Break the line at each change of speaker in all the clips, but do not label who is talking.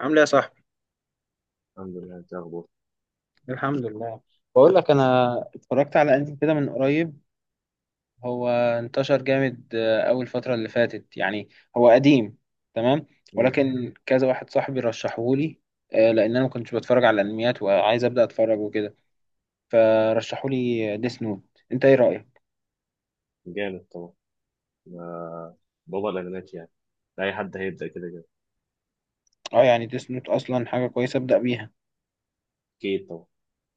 عامل ايه يا صاحبي؟
الحمد لله، انت اخبار؟
الحمد لله. بقول لك، انا اتفرجت على انمي كده من قريب. هو انتشر جامد اول فتره اللي فاتت يعني. هو قديم، تمام.
امم
ولكن كذا واحد صاحبي رشحه لي، لان انا ما كنتش بتفرج على الانميات وعايز ابدا اتفرج وكده، فرشحوا لي ديس نوت. انت ايه رايك؟
جامد طبعا. ما بابا الاغنات يعني، اي حد هيبدا كده كده.
اه يعني ديس نوت اصلا حاجه كويسه ابدا بيها.
اكيد طبعا.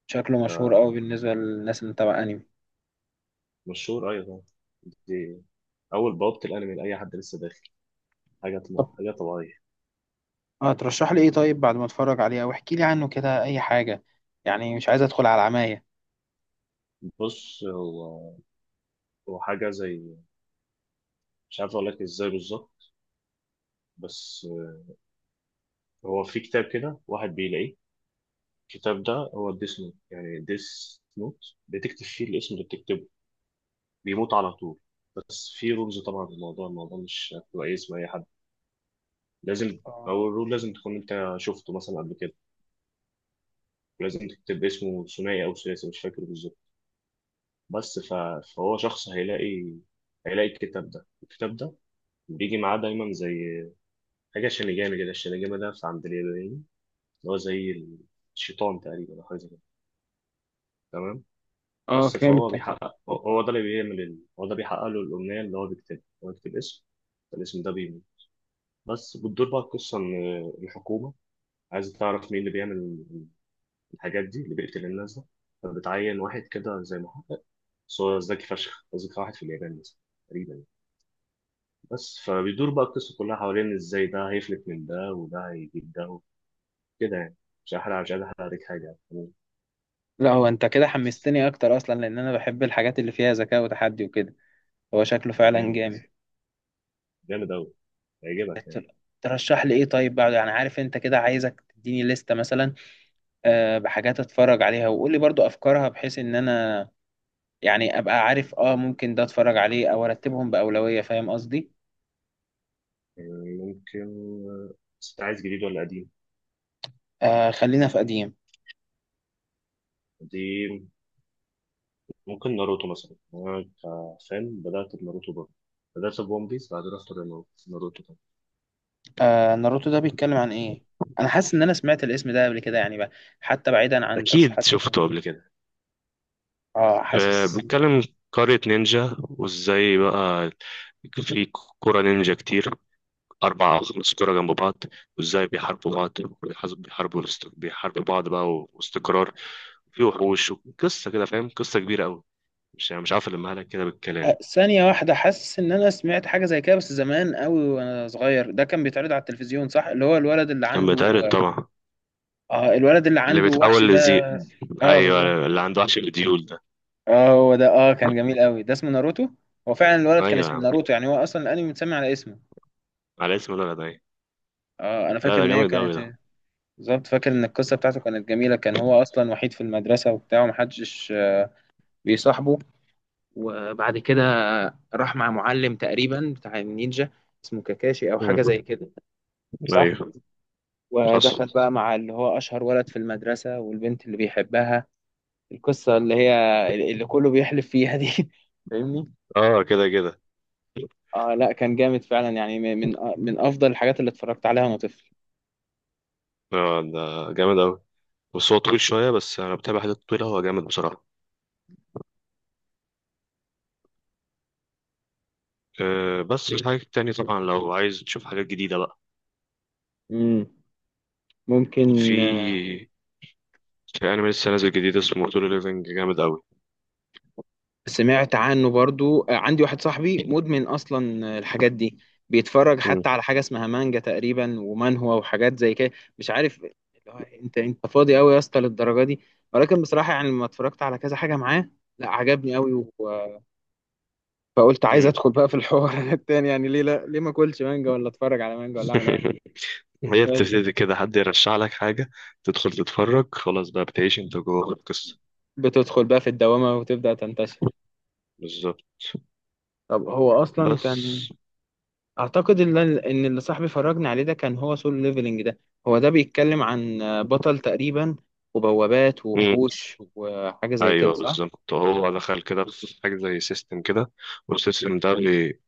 شكله مشهور قوي
ده
بالنسبه للناس اللي متابعه انمي.
مشهور ايوه طبعا. دي اول بوابه الانمي لاي حد لسه داخل، حاجه
طب
طبعا. حاجه طبيعيه.
اه ترشح لي ايه طيب بعد ما اتفرج عليه، او احكي لي عنه كده اي حاجه، يعني مش عايز ادخل على عماية.
بص، هو حاجه زي، مش عارف اقول لك ازاي بالظبط، بس هو في كتاب كده واحد بيلاقيه. الكتاب ده هو ديس نوت، يعني ديس نوت بتكتب فيه الاسم اللي بتكتبه بيموت على طول. بس في رمز طبعا للموضوع، الموضوع مش كويس، ما لازم او الرول لازم تكون انت شفته مثلا قبل كده، ولازم تكتب اسمه ثنائي او ثلاثي مش فاكر بالظبط. بس ف... فهو شخص هيلاقي، هيلاقي الكتاب ده. الكتاب ده بيجي معاه دايما زي حاجه شينيجامي كده. الشينيجامي ده في عند اليابانيين، اللي هو زي الشيطان تقريبا او حاجه زي كده. تمام.
اه
بس فهو
فهمتك.
بيحقق، هو ده اللي بيعمل هو ده بيحقق له الامنيه اللي هو بيكتبها. هو بيكتب اسم فالاسم ده بيموت. بس بتدور بقى القصه ان الحكومه عايزه تعرف مين اللي بيعمل الحاجات دي، اللي بيقتل الناس ده. فبتعين واحد كده زي محقق، بس هو ذكي فشخ، أذكى واحد في اليابان مثلا تقريبا يعني. بس فبيدور بقى القصة كلها حوالين إزاي ده هيفلت من ده، وده هيجيب ده، كده يعني. مش هحرق، مش عايز أحرق عليك حاجة يعني.
لا هو انت كده
بس
حمستني اكتر اصلا، لان انا بحب الحاجات اللي فيها ذكاء وتحدي وكده. هو شكله
هو
فعلا
جامد،
جامد.
جامد أوي، هيعجبك يعني.
بت- ترشح لي ايه طيب بعد، يعني عارف انت كده، عايزك تديني لستة مثلا، بحاجات اتفرج عليها، وقول لي برضو افكارها، بحيث ان انا يعني ابقى عارف اه ممكن ده اتفرج عليه او ارتبهم بأولوية. فاهم قصدي؟
يعني ممكن، بس أنت عايز جديد ولا قديم؟
خلينا في قديم.
قديم. ممكن ناروتو مثلا، أنا كفان بدأت بناروتو برضه، بدأت بون بيس بعد رحت لناروتو.
ناروتو ده بيتكلم عن ايه؟ انا حاسس ان انا سمعت الاسم ده قبل كده يعني بقى، حتى بعيدا عن
اكيد
ترشيحات
شفته
الأنمي.
قبل كده.
اه
آه،
حاسس.
بنتكلم قرية نينجا وازاي بقى في كرة نينجا كتير، أربع أو خمس كرة جنب بعض، وازاي بيحاربوا بعض بيحاربوا بعض بقى واستقرار. في وحوش. قصة كده، فاهم؟ قصة كبيرة أوي، مش عارف ألمها لك كده بالكلام.
ثانية واحدة، حاسس إن أنا سمعت حاجة زي كده بس زمان أوي وأنا صغير، ده كان بيتعرض على التلفزيون صح؟ اللي هو الولد اللي
كان
عنده،
بيتعرض طبعا.
الولد اللي
اللي
عنده وحش
بيتحول
ده.
لذئب.
آه بالظبط.
أيوه، اللي عنده وحش الديول ده.
آه هو ده، كان جميل أوي. ده اسمه ناروتو؟ هو فعلا الولد كان
أيوه يا
اسمه
عم،
ناروتو، يعني هو أصلا الأنمي متسمي على اسمه.
على اسم ده أيوة.
آه أنا
لا
فاكر
ده
إن هي
جامد أوي
كانت،
ده.
بالظبط فاكر إن القصة بتاعته كانت جميلة. كان هو أصلا وحيد في المدرسة وبتاع ومحدش بيصاحبه، وبعد كده راح مع معلم تقريبا بتاع النينجا، اسمه كاكاشي أو حاجة
مم.
زي كده، صح.
أيوه.
ودخل
حصل.
بقى مع اللي هو أشهر ولد في المدرسة والبنت اللي بيحبها، القصة اللي هي اللي كله بيحلف فيها دي. فاهمني؟
أه كده كده.
اه لا كان جامد فعلا، يعني من أفضل الحاجات اللي اتفرجت عليها وأنا طفل.
أه ده جامد أوي، بس هو طويل شوية، بس أنا بتابع حاجات طويلة، هو جامد بصراحة. أه بس في حاجات تانية طبعا لو عايز تشوف حاجات جديدة بقى.
مم. ممكن
في في أنمي لسه نازل جديد اسمه سولو ليفينج، جامد أوي.
سمعت عنه برضو. عندي واحد صاحبي مدمن أصلا الحاجات دي، بيتفرج
مم.
حتى على حاجة اسمها مانجا تقريبا ومان هو وحاجات زي كده. مش عارف اللي هو، انت فاضي قوي يا اسطى للدرجة دي؟ ولكن بصراحة يعني لما اتفرجت على كذا حاجة معاه، لا عجبني قوي، فقلت عايز
مم.
ادخل بقى في الحوار التاني، يعني ليه لا؟ ليه ما اكلش مانجا ولا اتفرج على مانجا ولا اعمل اي حاجه؟
هي
بس
بتبتدي كده، حد يرشح لك حاجة، تدخل تتفرج، خلاص بقى بتعيش انت جوه القصة.
بتدخل بقى في الدوامه وتبدا تنتشر.
بالظبط.
طب هو اصلا
بس.
كان، اعتقد ان اللي صاحبي فرجني عليه ده كان هو سول ليفلنج ده. هو ده بيتكلم عن بطل تقريبا وبوابات
مم.
ووحوش وحاجه زي كده،
ايوه
صح؟
بالظبط، هو دخل كده في حاجة زي سيستم كده، والسيستم ده بي-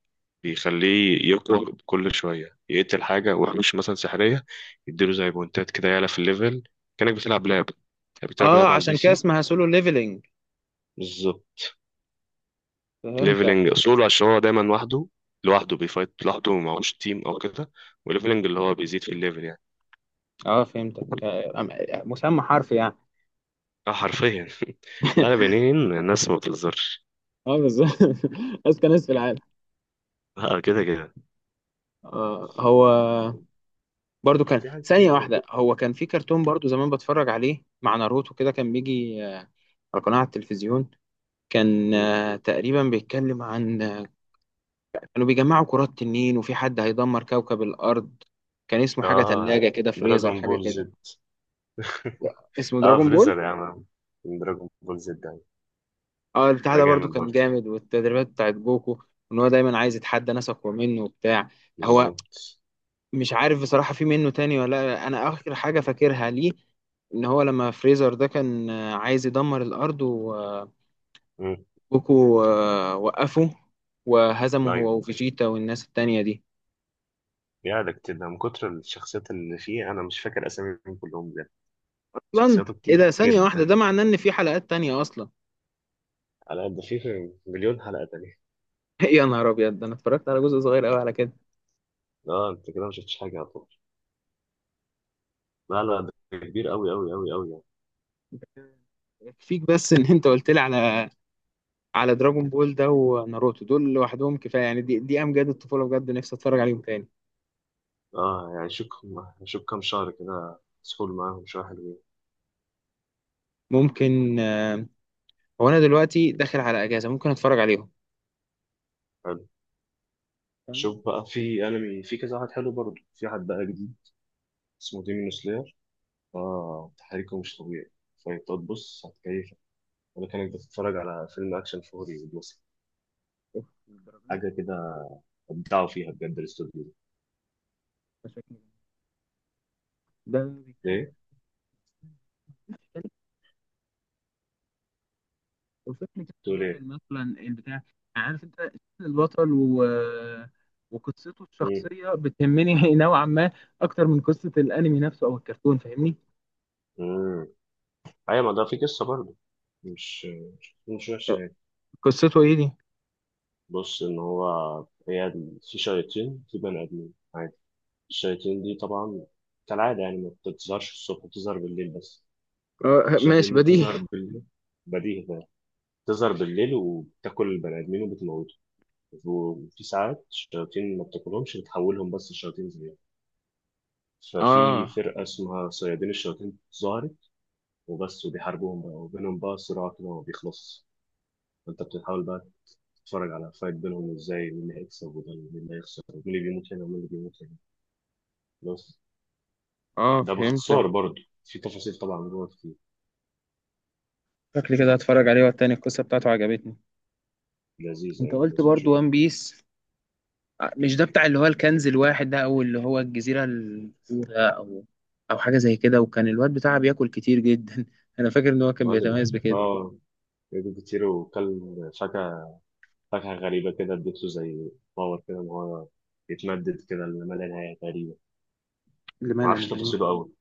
بيخليه يقرأ كل شوية يقتل حاجة ومش مثلا سحرية، يديله زي بونتات كده، يعلى في الليفل، كأنك بتلعب لعب، يعني بتلعب
اه
لعب على البي
عشان كده
سي.
اسمها سولو ليفلنج.
بالظبط.
فهمتك.
ليفلنج سولو عشان هو دايما وحده، لوحده بيفايت، لوحده معهوش تيم أو كده. وليفلنج اللي هو بيزيد في الليفل يعني.
اه فهمتك، مسمى حرفي يعني.
اه حرفيا. لا لا، بنين، الناس ما بتهزرش.
اه بالظبط. اذكى ناس في العالم.
اه كده كده.
هو برضو كان،
في حاجات
ثانية
كتير برضه.
واحدة، هو كان في كرتون برضو زمان بتفرج عليه مع ناروتو، كده كان بيجي على قناة على التلفزيون. كان
مم.
تقريبا بيتكلم عن كانوا بيجمعوا كرات تنين، وفي حد هيدمر كوكب الأرض، كان اسمه حاجة
اه
تلاجة كده، فريزر
دراجون
حاجة
بول
كده.
زد.
اسمه
اه
دراجون بول.
فريزر يا عم، دراجون بول زد ده.
اه البتاع
ده
ده برضو
جامد
كان
برضه.
جامد، والتدريبات بتاعت جوكو، ان هو دايما عايز يتحدى ناس اقوى منه وبتاع. هو
بالظبط.
مش عارف بصراحة في منه تاني ولا لأ. انا اخر حاجة فاكرها ليه ان هو لما فريزر ده كان عايز يدمر الارض،
امم.
جوكو وقفه وهزمه
ايوه.
هو وفيجيتا والناس التانية دي.
ده كتير، ده من كتر الشخصيات اللي فيه انا مش فاكر اساميهم كلهم بجد،
اصلا
شخصياته
ايه ده؟
كتير
ثانية واحدة، ده
جدا.
معناه ان في حلقات تانية اصلا؟
على قد فيه مليون حلقه تانية.
يا نهار ابيض، ده انا اتفرجت على جزء صغير قوي على كده.
اه انت كده ما شفتش حاجه على طول. لا لا ده كبير قوي قوي قوي قوي يعني.
يكفيك بس ان انت قلت لي على على دراجون بول ده وناروتو، دول لوحدهم كفايه يعني. دي امجاد الطفوله بجد، نفسي اتفرج عليهم تاني.
اه يعني شوف، شوف كام شهر كده سحول معاهم شويه حلوين.
ممكن هو انا دلوقتي داخل على اجازه، ممكن اتفرج عليهم.
حلو.
تمام.
شوف بقى في انمي، في كذا واحد حلو برضه، في حد بقى جديد اسمه ديمون سلاير. اه تحريكه مش طبيعي، فانت تبص هتكيفك، ولا كانك بتتفرج على فيلم اكشن فوري مثلا،
أوف، الدرجة دي؟
حاجه كده. ابدعوا فيها بجد الاستوديو ده.
ده شكله جميل. ده بيتكلم
ليه؟
عن، وفكرة
تقول
البطل
ايه؟
مثلا البتاع، عارف انت شكل البطل و... وقصته
مم.
الشخصية بتهمني نوعا ما، أكتر من قصة الأنمي نفسه أو الكرتون. فاهمني؟
مم. ايوه، ما ده في قصه برضه، مش مش وحشه يعني.
قصته ايه دي؟
بص، ان هو، في شياطين، في بني ادمين عادي. الشياطين دي طبعا، كالعاده يعني ما بتظهرش الصبح، بتظهر بالليل بس.
آه
الشياطين
ماشي،
دي
بديهي.
بتظهر بالليل، بديهي ده. بتظهر بالليل وبتاكل البني ادمين وبتموته. وفي ساعات الشياطين ما بتاكلهمش، بتحولهم بس لشياطين زيهم. ففي
اه
فرقه اسمها صيادين الشياطين ظهرت، وبس، وبيحاربوهم بقى، وبينهم بقى صراع كده ما بيخلصش. فانت بتحاول بقى تتفرج على فايت بينهم ازاي، مين اللي هيكسب وده، مين اللي هيخسر، ومين اللي بيموت هنا ومين اللي بيموت هنا. بس.
اه
ده
فهمت.
باختصار، برضه في تفاصيل طبعا جوه كتير.
شكلي كده هتفرج عليه، والتاني القصة بتاعته عجبتني.
لذيذ
انت
يعني،
قلت
لازم
برضو
تشوف.
وان بيس، مش ده بتاع اللي هو الكنز الواحد ده او اللي هو الجزيرة الأولى او او حاجة زي كده، وكان الواد بتاعها بياكل كتير جدا؟ انا فاكر ان هو كان
الواد ال-
بيتميز بكده.
اه جاب كتير، وكل فاكهة، فاكهة غريبة كده، اديته زي باور كده، ان هو يتمدد كده لما لا نهاية تقريبا.
اللي
ما
ملل
اعرفش
يعني؟
تفاصيله قوي،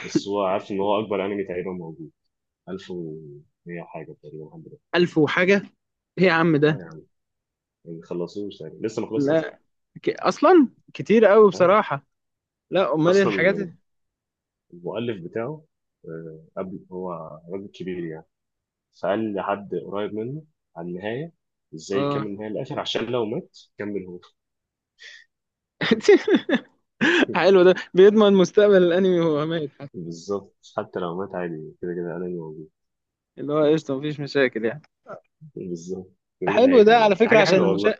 بس هو عارف ان هو اكبر انمي تقريبا موجود، 1100 حاجة تقريبا، 100.
1000 وحاجة؟ ايه يا عم
اه
ده؟
يا عم، ما خلصوش يعني، لسه ما خلصش اصلا
لا اصلا كتير قوي
يعني.
بصراحة. لا امال ايه
اصلا المؤلف بتاعه، آه، قبل، هو راجل كبير يعني، فقال لحد قريب منه على النهايه، ازاي
اه.
يكمل النهايه للاخر عشان لو مات كمل هو.
حلو، ده بيضمن مستقبل الانمي وهو ميت حتى.
بالظبط، حتى لو مات عادي، كده كده انا موجود.
اللي هو قشطة، مفيش مشاكل يعني.
بالظبط، كده كده
حلو ده
هيكمل
على
يعني، دي
فكرة
حاجه
عشان
حلوه
المشاهد،
والله.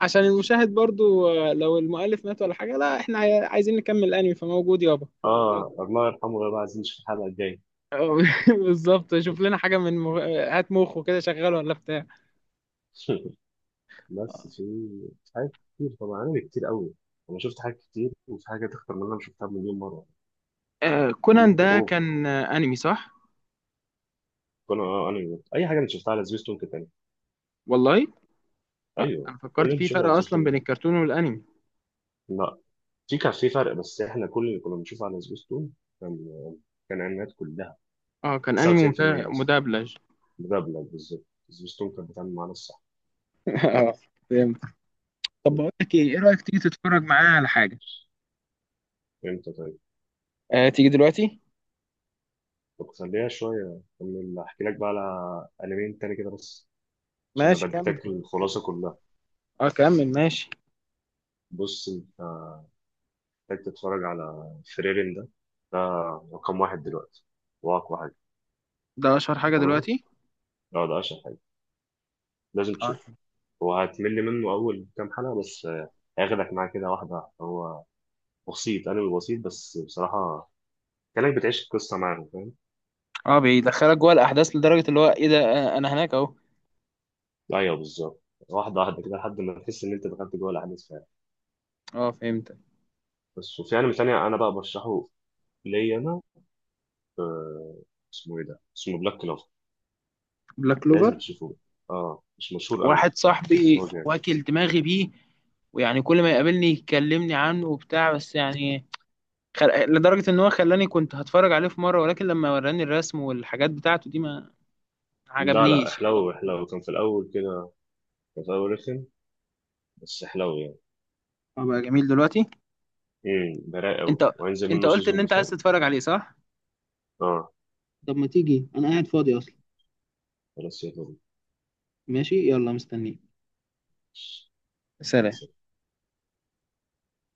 عشان المشاهد برضو لو المؤلف مات ولا حاجة، لا احنا عايزين نكمل الانمي، فموجود يابا.
اه الله يرحمه ويبقى عزيز في الحلقه الجايه.
آه، بالظبط. شوف لنا حاجة من مغ... هات مخه كده شغال ولا بتاع.
بس في، في حاجات كتير طبعا، انا كتير قوي، انا شفت حاجات كتير، وفي حاجات اكتر من اللي انا شفتها مليون مره.
كونان
كتير
ده
اوفر.
كان انمي صح؟
اه انمي، اي حاجه انت شفتها على سبيستون كانت انمي.
والله
ايوه
انا
كل اللي
فكرت
انت
في
شفتها
فرق
على
اصلا
سبيستون
بين
ده.
الكرتون والانمي.
لا، في كان في فرق، بس احنا كل اللي كنا بنشوفه على سبيستون كان، آه، كان انميات كلها،
اه كان انمي
99% بس.
مدبلج.
مدبلج بالظبط. سبيستون كان بيتعامل معانا الصح.
اه فهمت. طب بقول لك ايه، ايه رايك تيجي تتفرج معايا على حاجه؟
امتى طيب؟
آه تيجي دلوقتي.
طب خليها شويه، اكمل احكي لك بقى على انميين تاني كده، بس عشان انا
ماشي كمل.
بديتك الخلاصه كلها.
اه كمل ماشي.
بص، انت محتاج تتفرج على فريرين ده. ده رقم واحد دلوقتي، واقوى حاجه.
ده اشهر حاجة
تمام.
دلوقتي؟
اه ده اشهر حاجه، لازم
اه.
تشوفه. هو هتمل منه أول كام حلقة بس، آه، هياخدك معاه كده واحدة واحدة. هو بسيط، أنا بسيط بس بصراحة كأنك بتعيش القصة معاهم، فاهم؟
اه بيدخلك جوه الاحداث لدرجه اللي هو ايه ده، انا هناك اهو.
أيوه بالظبط، واحدة واحدة كده لحد ما تحس إن أنت دخلت جوه الأحداث فعلا.
اه فهمت.
بس، وفي أنمي تاني أنا بقى برشحه ليا أنا، اسمه إيه ده؟ اسمه بلاك كلوف.
بلاك
لازم
كلوفر،
تشوفوه. أه مش مشهور أوي
واحد
بس
صاحبي
هو جامد.
واكل دماغي بيه، ويعني كل ما يقابلني يكلمني عنه وبتاع. بس يعني لدرجة ان هو خلاني كنت هتفرج عليه في مرة، ولكن لما وراني الرسم والحاجات بتاعته دي ما
لا لا،
عجبنيش.
حلو حلو، كان في الأول كده، كان في الأول رخم، بس حلو يعني.
أبقى جميل دلوقتي؟
براء أوي،
انت
وهينزل
انت
منه
قلت
سيزون
ان
اللي
انت
فات.
عايز تتفرج عليه صح؟
أه
طب ما تيجي، انا قاعد فاضي اصلا.
خلاص يلا
ماشي يلا، مستنيك.
بينا.
سلام.